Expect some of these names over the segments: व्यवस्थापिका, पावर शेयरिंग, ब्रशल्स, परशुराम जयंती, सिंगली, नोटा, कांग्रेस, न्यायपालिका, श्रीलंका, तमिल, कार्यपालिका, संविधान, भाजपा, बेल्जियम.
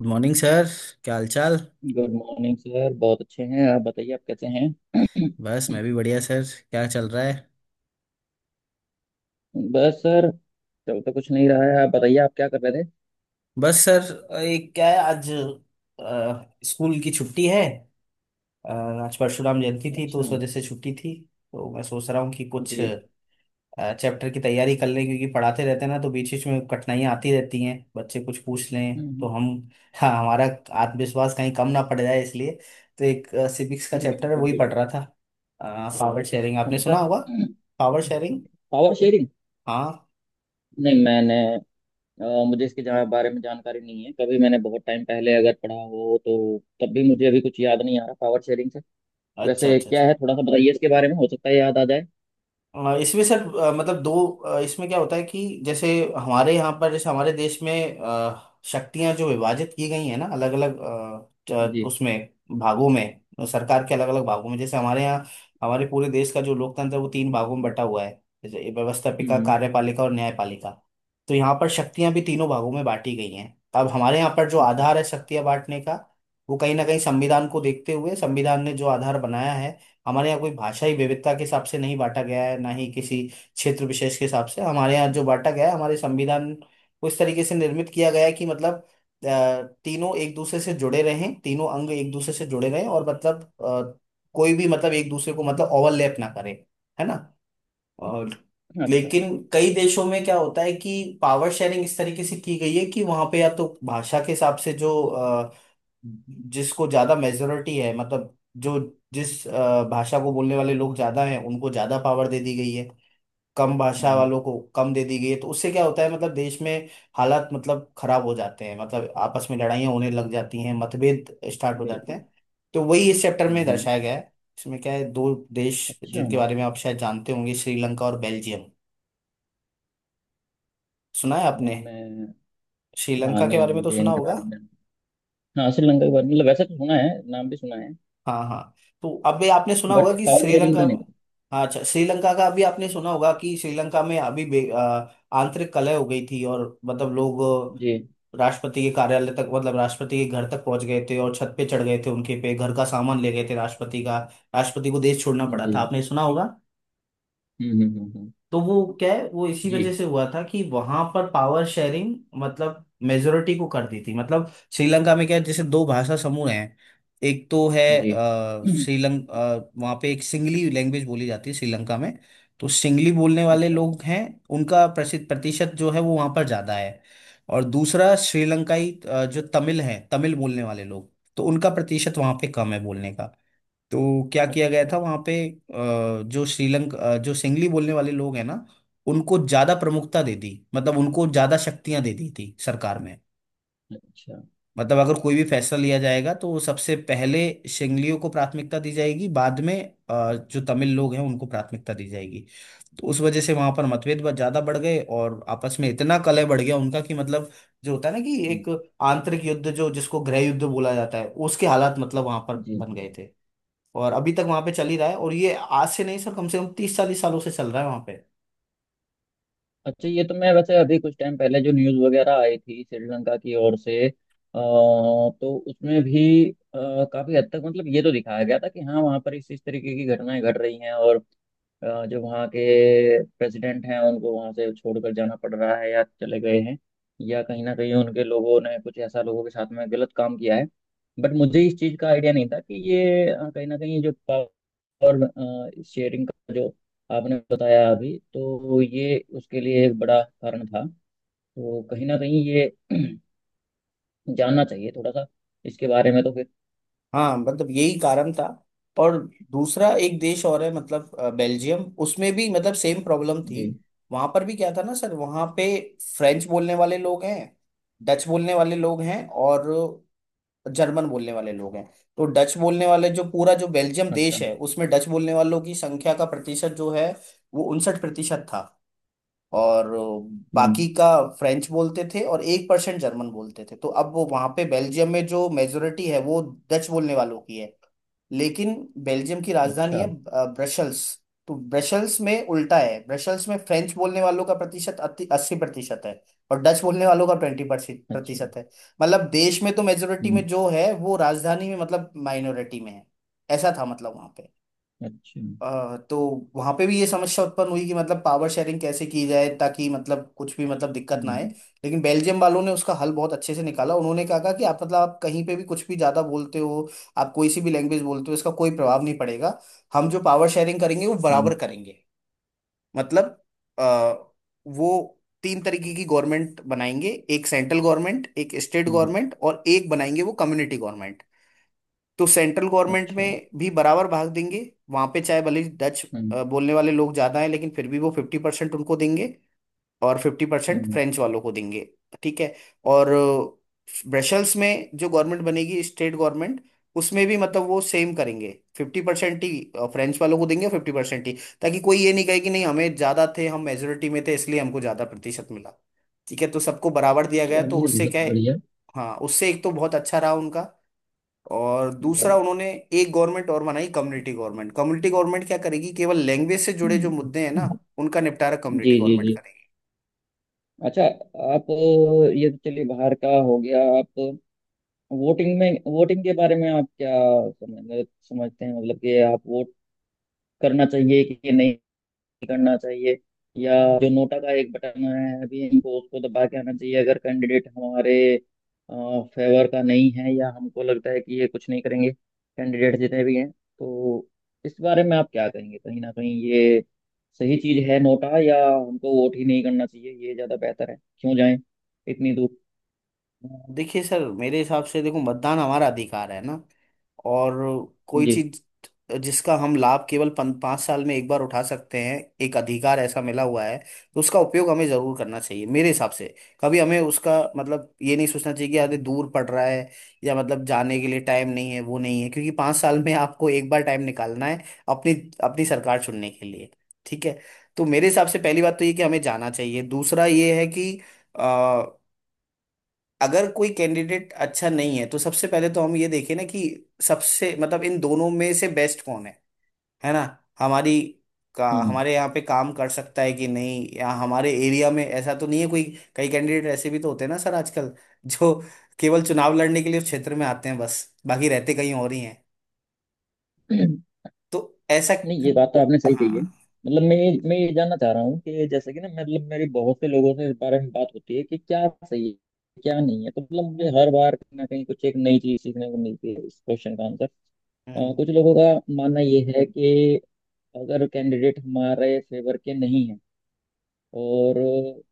Good morning sir. क्या हालचाल। Good morning sir. बहुत अच्छे हैं। आप बताइए, आप कैसे हैं? बस मैं भी बढ़िया सर। क्या चल रहा है। बस सर, चल तो कुछ नहीं रहा है। आप बताइए, आप क्या कर रहे थे? बस सर एक क्या है आज स्कूल की छुट्टी है। अ, आज परशुराम जयंती थी तो अच्छा। उस वजह से छुट्टी थी। तो मैं सोच रहा हूँ कि कुछ जी। चैप्टर की तैयारी कर लें, क्योंकि पढ़ाते रहते हैं ना तो बीच बीच में कठिनाइयाँ आती रहती हैं, बच्चे कुछ पूछ लें तो हम्म। हम। हाँ, हमारा आत्मविश्वास कहीं कम ना पड़ जाए इसलिए। तो एक सिविक्स का चैप्टर है, बिल्कुल वही पढ़ बिल्कुल। रहा था। पावर शेयरिंग आपने कौन सा? सुना होगा। पावर शेयरिंग। पावर शेयरिंग। हाँ। नहीं, मैंने अ, मुझे इसके जहाँ बारे में जानकारी नहीं है। कभी मैंने बहुत टाइम पहले अगर पढ़ा हो तो तब भी मुझे अभी कुछ याद नहीं आ रहा पावर शेयरिंग से। अच्छा वैसे अच्छा क्या अच्छा। है, थोड़ा सा बताइए इसके बारे में। हो सकता है याद आ जाए। इसमें सर, मतलब दो, इसमें क्या होता है कि जैसे हमारे यहाँ पर, जैसे हमारे देश में शक्तियां जो विभाजित की गई है ना अलग अलग, जी। उसमें भागों में, सरकार के अलग अलग भागों में, जैसे हमारे यहाँ। हमारे पूरे देश का जो लोकतंत्र है वो तीन भागों में बटा हुआ है। जैसे व्यवस्थापिका, हम्म। कार्यपालिका और न्यायपालिका। तो यहाँ पर शक्तियां भी तीनों भागों में बांटी गई हैं। तो अब हमारे यहाँ पर जो अच्छा। आधार है शक्तियां बांटने का, वो कहीं ना कहीं संविधान को देखते हुए, संविधान ने जो आधार बनाया है। हमारे यहाँ कोई भाषाई विविधता के हिसाब से नहीं बांटा गया है, ना ही किसी क्षेत्र विशेष के हिसाब से। हमारे यहाँ जो बांटा गया है, हमारे संविधान को इस तरीके से निर्मित किया गया है कि मतलब तीनों एक दूसरे से जुड़े रहें, तीनों अंग एक दूसरे से जुड़े रहें, और मतलब कोई भी मतलब एक दूसरे को मतलब ओवरलैप ना करे। है ना। और अच्छा। हम्म। लेकिन कई देशों में क्या होता है कि पावर शेयरिंग इस तरीके से की गई है कि वहां पे या तो भाषा के हिसाब से, जो जिसको ज्यादा मेजोरिटी है, मतलब जो जिस भाषा को बोलने वाले लोग ज्यादा हैं उनको ज्यादा पावर दे दी गई है। कम भाषा हम्म। वालों को कम दे दी गई है। तो उससे क्या होता है, मतलब देश में हालात मतलब खराब हो जाते हैं। मतलब आपस में लड़ाइयाँ होने लग जाती हैं, मतभेद स्टार्ट हो जाते बिल्कुल। हैं। तो वही इस चैप्टर में हम्म। हम्म। दर्शाया गया है। इसमें क्या है, दो देश अच्छा। जिनके बारे में आप शायद जानते होंगे, श्रीलंका और बेल्जियम। सुना है आपने। नहीं मैं हाँ, श्रीलंका के नहीं बारे में तो मुझे सुना इनके होगा। बारे में जानना। हाँ, श्रीलंका के बारे में मतलब वैसे तो सुना है, नाम भी सुना है। हाँ हाँ। तो अभी आपने सुना होगा बट कि पावर शेयरिंग श्रीलंका। का नहीं पता। हाँ, अच्छा श्रीलंका का। अभी आपने सुना होगा कि श्रीलंका में अभी आंतरिक कलह हो गई थी, और मतलब लोग जी। राष्ट्रपति के कार्यालय तक, मतलब राष्ट्रपति के घर तक पहुंच गए थे, और छत पे चढ़ गए थे उनके पे, घर का सामान ले गए थे राष्ट्रपति का। राष्ट्रपति को देश छोड़ना पड़ा था, जी। आपने सुना होगा। हम्म। हम्म। हम्म। हम्म। तो वो क्या है, वो इसी जी। वजह से हुआ था कि वहां पर पावर शेयरिंग मतलब मेजोरिटी को कर दी थी। मतलब श्रीलंका में क्या है, जैसे दो भाषा समूह हैं। एक तो है। जी। हम्म। श्रीलंक वहाँ पे एक सिंगली लैंग्वेज बोली जाती है श्रीलंका में। तो सिंगली बोलने वाले अच्छा। लोग हैं। उनका प्रसिद्ध प्रतिशत जो है, वो वहाँ पर ज़्यादा है। और दूसरा श्रीलंकाई जो तमिल है, तमिल बोलने वाले लोग। तो उनका प्रतिशत वहाँ पे कम है बोलने का। तो क्या किया गया था अच्छा। वहां पे, जो श्रीलंका जो सिंगली बोलने वाले लोग हैं ना, उनको ज्यादा प्रमुखता दे दी, मतलब उनको ज्यादा शक्तियां दे दी थी सरकार में। अच्छा। मतलब अगर कोई भी फैसला लिया जाएगा तो सबसे पहले सिंगलियों को प्राथमिकता दी जाएगी, बाद में जो तमिल लोग हैं उनको प्राथमिकता दी जाएगी। तो उस वजह से वहां पर मतभेद बहुत ज्यादा बढ़ गए, और आपस में इतना कलह बढ़ गया उनका कि मतलब जो होता है ना कि हम्म। एक आंतरिक युद्ध, जो जिसको गृह युद्ध बोला जाता है, उसके हालात मतलब वहां पर जी। बन जी। गए थे। और अभी तक वहां पे चल ही रहा है, और ये आज से नहीं सर, कम से कम तीस चालीस सालों से चल रहा है वहां पे। अच्छा, ये तो मैं वैसे अभी कुछ टाइम पहले जो न्यूज़ वगैरह आई थी श्रीलंका की ओर से, तो उसमें भी काफी हद तक मतलब ये तो दिखाया गया था कि हाँ, वहाँ पर इस तरीके की घटनाएं घट रही हैं। और जो वहाँ के प्रेसिडेंट हैं, उनको वहाँ से छोड़कर जाना पड़ रहा है या चले गए हैं, या कहीं ना कहीं उनके लोगों ने कुछ ऐसा लोगों के साथ में गलत काम किया है। बट मुझे इस चीज़ का आइडिया नहीं था कि ये कहीं ना कहीं जो पावर शेयरिंग का जो आपने बताया अभी, तो ये उसके लिए एक बड़ा कारण था। तो कहीं ना कहीं ये जानना चाहिए थोड़ा सा इसके बारे में तो फिर। हाँ, मतलब यही कारण था। और दूसरा एक देश और है, मतलब बेल्जियम, उसमें भी मतलब सेम प्रॉब्लम थी। जी। वहां पर भी क्या था ना सर, वहां पे फ्रेंच बोलने वाले लोग हैं, डच बोलने वाले लोग हैं, और जर्मन बोलने वाले लोग हैं। तो डच बोलने वाले जो पूरा जो बेल्जियम अच्छा। देश है, उसमें डच बोलने वालों की संख्या का प्रतिशत जो है, वो 59% था। और हम्म। बाकी का फ्रेंच बोलते थे, और 1% जर्मन बोलते थे। तो अब वो वहां पे बेल्जियम में जो मेजोरिटी है वो डच बोलने वालों की है। लेकिन बेल्जियम की राजधानी है अच्छा। ब्रशल्स। तो ब्रशल्स में उल्टा है। ब्रशल्स में फ्रेंच बोलने वालों का प्रतिशत 80% है, और डच बोलने वालों का ट्वेंटी अच्छा। प्रतिशत है। मतलब देश में तो मेजोरिटी हम्म। में जो है, वो राजधानी में मतलब माइनॉरिटी में है। ऐसा था मतलब वहां पे। अच्छा। तो वहां पे भी ये समस्या उत्पन्न हुई कि मतलब पावर शेयरिंग कैसे की जाए, ताकि मतलब कुछ भी मतलब दिक्कत ना आए। हम्म। लेकिन बेल्जियम वालों ने उसका हल बहुत अच्छे से निकाला। उन्होंने कहा कहा कि आप मतलब आप कहीं पे भी कुछ भी ज्यादा बोलते हो। आप कोई सी भी लैंग्वेज बोलते हो, इसका कोई प्रभाव नहीं पड़ेगा। हम जो पावर शेयरिंग करेंगे वो हम्म। बराबर करेंगे। मतलब अ, वो तीन तरीके की गवर्नमेंट बनाएंगे। एक सेंट्रल गवर्नमेंट, एक स्टेट हम्म। गवर्नमेंट, और एक बनाएंगे वो कम्युनिटी गवर्नमेंट। तो सेंट्रल गवर्नमेंट अच्छा। में भी बराबर भाग देंगे। वहां पे चाहे भले ही डच हम्म। बोलने वाले लोग ज्यादा हैं, लेकिन फिर भी वो 50% उनको देंगे। और 50% हम्म। फ्रेंच वालों को देंगे। ठीक है। और ब्रसेल्स में जो गवर्नमेंट बनेगी स्टेट गवर्नमेंट, उसमें भी मतलब वो सेम करेंगे। 50% ही फ्रेंच वालों को देंगे, और 50% ही, ताकि कोई ये नहीं कहे कि नहीं, हमें ज्यादा थे, हम मेजोरिटी में थे, इसलिए हमको ज्यादा प्रतिशत मिला। ठीक है, तो सबको बराबर दिया गया, तो चलिए, उससे बहुत क्या है। बढ़िया। हाँ, उससे एक तो बहुत अच्छा रहा उनका। और दूसरा उन्होंने एक गवर्नमेंट और बनाई, कम्युनिटी गवर्नमेंट। कम्युनिटी गवर्नमेंट क्या करेगी, केवल लैंग्वेज से जुड़े जो मुद्दे हैं ना, उनका निपटारा कम्युनिटी जी। जी। गवर्नमेंट जी। करेगी। अच्छा। आप ये तो चलिए बाहर का हो गया। आप वोटिंग में, वोटिंग के बारे में आप क्या समझते हैं मतलब कि आप वोट करना चाहिए कि नहीं करना चाहिए, या जो नोटा का एक बटन है अभी, इनको उसको दबा के आना चाहिए अगर कैंडिडेट हमारे फेवर का नहीं है, या हमको लगता है कि ये कुछ नहीं करेंगे कैंडिडेट जितने भी हैं, तो इस बारे में आप क्या कहेंगे? कहीं ना कहीं ये सही चीज है नोटा, या हमको वोट ही नहीं करना चाहिए, ये ज्यादा बेहतर है? क्यों जाएं इतनी दूर? देखिए सर, मेरे हिसाब से देखो, मतदान हमारा अधिकार है ना। और कोई जी। चीज जिसका हम लाभ केवल 5 साल में एक बार उठा सकते हैं। एक अधिकार ऐसा मिला हुआ है। तो उसका उपयोग हमें जरूर करना चाहिए मेरे हिसाब से। कभी हमें उसका मतलब ये नहीं सोचना चाहिए कि अरे दूर पड़ रहा है, या मतलब जाने के लिए टाइम नहीं है, वो नहीं है। क्योंकि 5 साल में आपको एक बार टाइम निकालना है अपनी अपनी सरकार चुनने के लिए। ठीक है। तो मेरे हिसाब से पहली बात तो ये कि हमें जाना चाहिए, दूसरा ये है कि अगर कोई कैंडिडेट अच्छा नहीं है, तो सबसे पहले तो हम ये देखें ना कि सबसे मतलब इन दोनों में से बेस्ट कौन है। है ना। हमारी का हमारे यहाँ पे काम कर सकता है कि नहीं, या हमारे एरिया में ऐसा तो नहीं है कोई। कई कैंडिडेट ऐसे भी तो होते हैं ना सर आजकल जो केवल चुनाव लड़ने के लिए उस क्षेत्र में आते हैं, बस बाकी रहते कहीं और ही हैं। हम्म। तो ऐसा। नहीं, ये बात तो आपने सही हाँ कही है। हाँ। मतलब मैं ये जानना चाह रहा हूँ कि जैसे कि ना, मतलब मेरे बहुत से लोगों से इस बारे में बात होती है कि क्या सही है क्या नहीं है। तो मतलब मुझे हर बार कहीं ना कहीं कुछ एक नई चीज सीखने को मिलती है इस क्वेश्चन का आंसर। हम्म। कुछ लोगों का मानना ये है कि अगर कैंडिडेट हमारे फेवर के नहीं है, और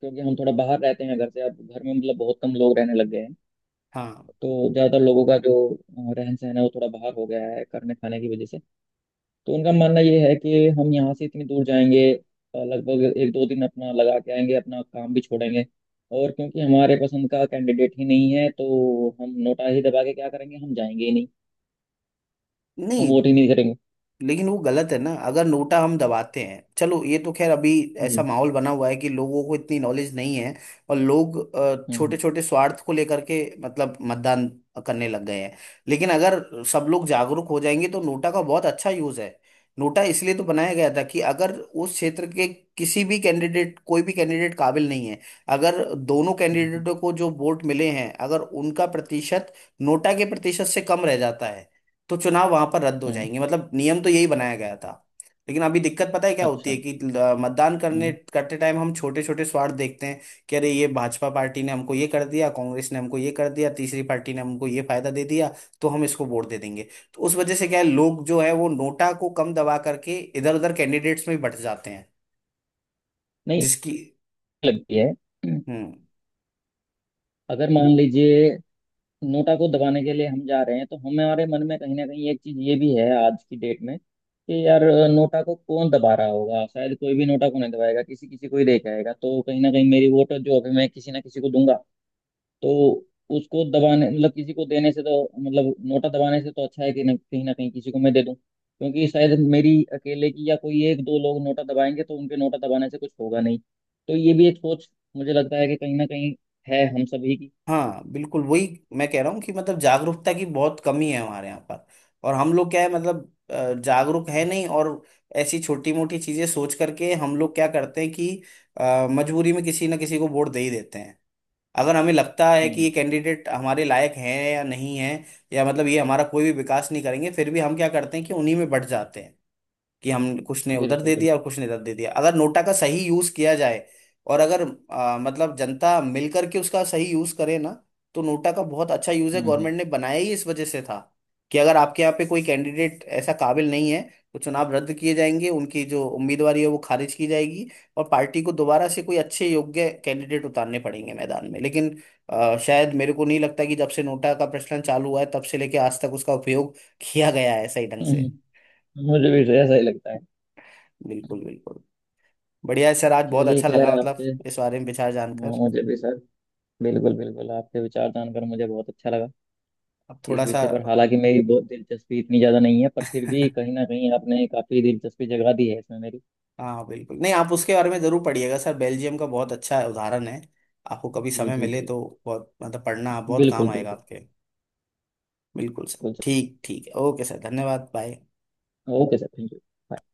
क्योंकि हम थोड़ा बाहर रहते हैं घर से, अब घर में मतलब बहुत कम लोग रहने लग गए हैं, हाँ तो ज़्यादातर लोगों का जो रहन सहन है वो थोड़ा बाहर हो गया है करने खाने की वजह से। तो उनका मानना ये है कि हम यहाँ से इतनी दूर जाएंगे, लगभग एक दो दिन अपना लगा के आएंगे, अपना काम भी छोड़ेंगे, और क्योंकि हमारे पसंद का कैंडिडेट ही नहीं है तो हम नोटा ही दबा के क्या करेंगे, हम जाएंगे ही नहीं, हम नहीं, वोट ही नहीं करेंगे। लेकिन वो गलत है ना। अगर नोटा हम दबाते हैं, चलो ये तो खैर अभी जी। ऐसा माहौल बना हुआ है कि लोगों को इतनी नॉलेज नहीं है। और लोग छोटे हम्म। छोटे स्वार्थ को लेकर के मतलब मतदान करने लग गए हैं। लेकिन अगर सब लोग जागरूक हो जाएंगे तो नोटा का बहुत अच्छा यूज है। नोटा इसलिए तो बनाया गया था कि अगर उस क्षेत्र के किसी भी कैंडिडेट, कोई भी कैंडिडेट काबिल नहीं है, अगर दोनों हम्म। कैंडिडेटों को जो वोट मिले हैं, अगर उनका प्रतिशत नोटा के प्रतिशत से कम रह जाता है, तो चुनाव वहां पर रद्द हो हम्म। हम्म। जाएंगे, मतलब नियम तो यही बनाया गया था। लेकिन अभी दिक्कत पता है क्या होती अच्छा। है कि मतदान करने हम्म। करते टाइम हम छोटे छोटे स्वार्थ देखते हैं, कि अरे ये भाजपा पार्टी ने हमको ये कर दिया, कांग्रेस ने हमको ये कर दिया, तीसरी पार्टी ने हमको ये फायदा दे दिया, तो हम इसको वोट दे देंगे। तो उस वजह से क्या है, लोग जो है वो नोटा को कम दबा करके इधर उधर कैंडिडेट्स में ही बट जाते हैं। नहीं जिसकी। लगती है। हम्म। अगर मान लीजिए, नोटा को दबाने के लिए हम जा रहे हैं तो हमारे मन में कहीं ना कहीं एक चीज ये भी है आज की डेट में कि यार, नोटा को कौन दबा रहा होगा? शायद कोई भी नोटा को नहीं दबाएगा, किसी किसी को ही लेके आएगा। तो कहीं ना कहीं मेरी वोट जो अभी मैं किसी ना किसी को दूंगा, तो उसको दबाने मतलब किसी को देने से तो मतलब नोटा दबाने से तो अच्छा है कि कहीं ना कहीं किसी को मैं दे दूं, क्योंकि शायद मेरी अकेले की या कोई एक दो लोग नोटा दबाएंगे तो उनके नोटा दबाने से कुछ होगा नहीं। तो ये भी एक सोच मुझे लगता है कि कहीं ना कहीं है हम सभी की। हाँ, बिल्कुल वही मैं कह रहा हूँ कि मतलब जागरूकता की बहुत कमी है हमारे यहाँ पर। और हम लोग क्या है, मतलब जागरूक है नहीं, और ऐसी छोटी मोटी चीजें सोच करके हम लोग क्या करते हैं कि मजबूरी में किसी ना किसी को वोट दे ही देते हैं। अगर हमें लगता है कि हम्म। ये कैंडिडेट हमारे लायक है या नहीं है, या मतलब ये हमारा कोई भी विकास नहीं करेंगे, फिर भी हम क्या करते हैं कि उन्हीं में बढ़ जाते हैं, कि हम कुछ ने उधर बिल्कुल दे दिया बिल्कुल। और कुछ ने इधर दे दिया। अगर नोटा का सही यूज किया जाए, और अगर मतलब जनता मिल करके उसका सही यूज करे ना, तो नोटा का बहुत अच्छा यूज है। हम्म। गवर्नमेंट ने बनाया ही इस वजह से था कि अगर आपके यहाँ पे कोई कैंडिडेट ऐसा काबिल नहीं है, तो चुनाव रद्द किए जाएंगे, उनकी जो उम्मीदवारी है वो खारिज की जाएगी। और पार्टी को दोबारा से कोई अच्छे योग्य कैंडिडेट उतारने पड़ेंगे मैदान में। लेकिन शायद मेरे को नहीं लगता कि जब से नोटा का प्रचलन चालू हुआ है, तब से लेके आज तक उसका उपयोग किया गया है सही ढंग से। हम्म। मुझे भी तो ऐसा ही लगता है। बिल्कुल बिल्कुल। बढ़िया है सर, आज बहुत चलिए अच्छा लगा खैर मतलब आपसे। इस बारे में विचार हाँ, जानकर। मुझे भी सर। बिल्कुल बिल्कुल, आपके विचार जानकर मुझे बहुत अच्छा लगा। अब इस थोड़ा सा। विषय पर हालांकि मेरी बहुत दिलचस्पी इतनी ज़्यादा नहीं है, पर फिर भी कहीं ना कहीं आपने काफ़ी दिलचस्पी जगा दी है इसमें मेरी। हाँ बिल्कुल, नहीं आप उसके बारे में ज़रूर पढ़िएगा सर, बेल्जियम का बहुत अच्छा उदाहरण है। आपको कभी जी। समय जी। मिले जी। तो बहुत मतलब पढ़ना बहुत काम बिल्कुल आएगा बिल्कुल। आपके। बिल्कुल सर, बिल्कुल सर, ठीक ठीक, ओके सर, धन्यवाद, bye. Okay sir, thank you.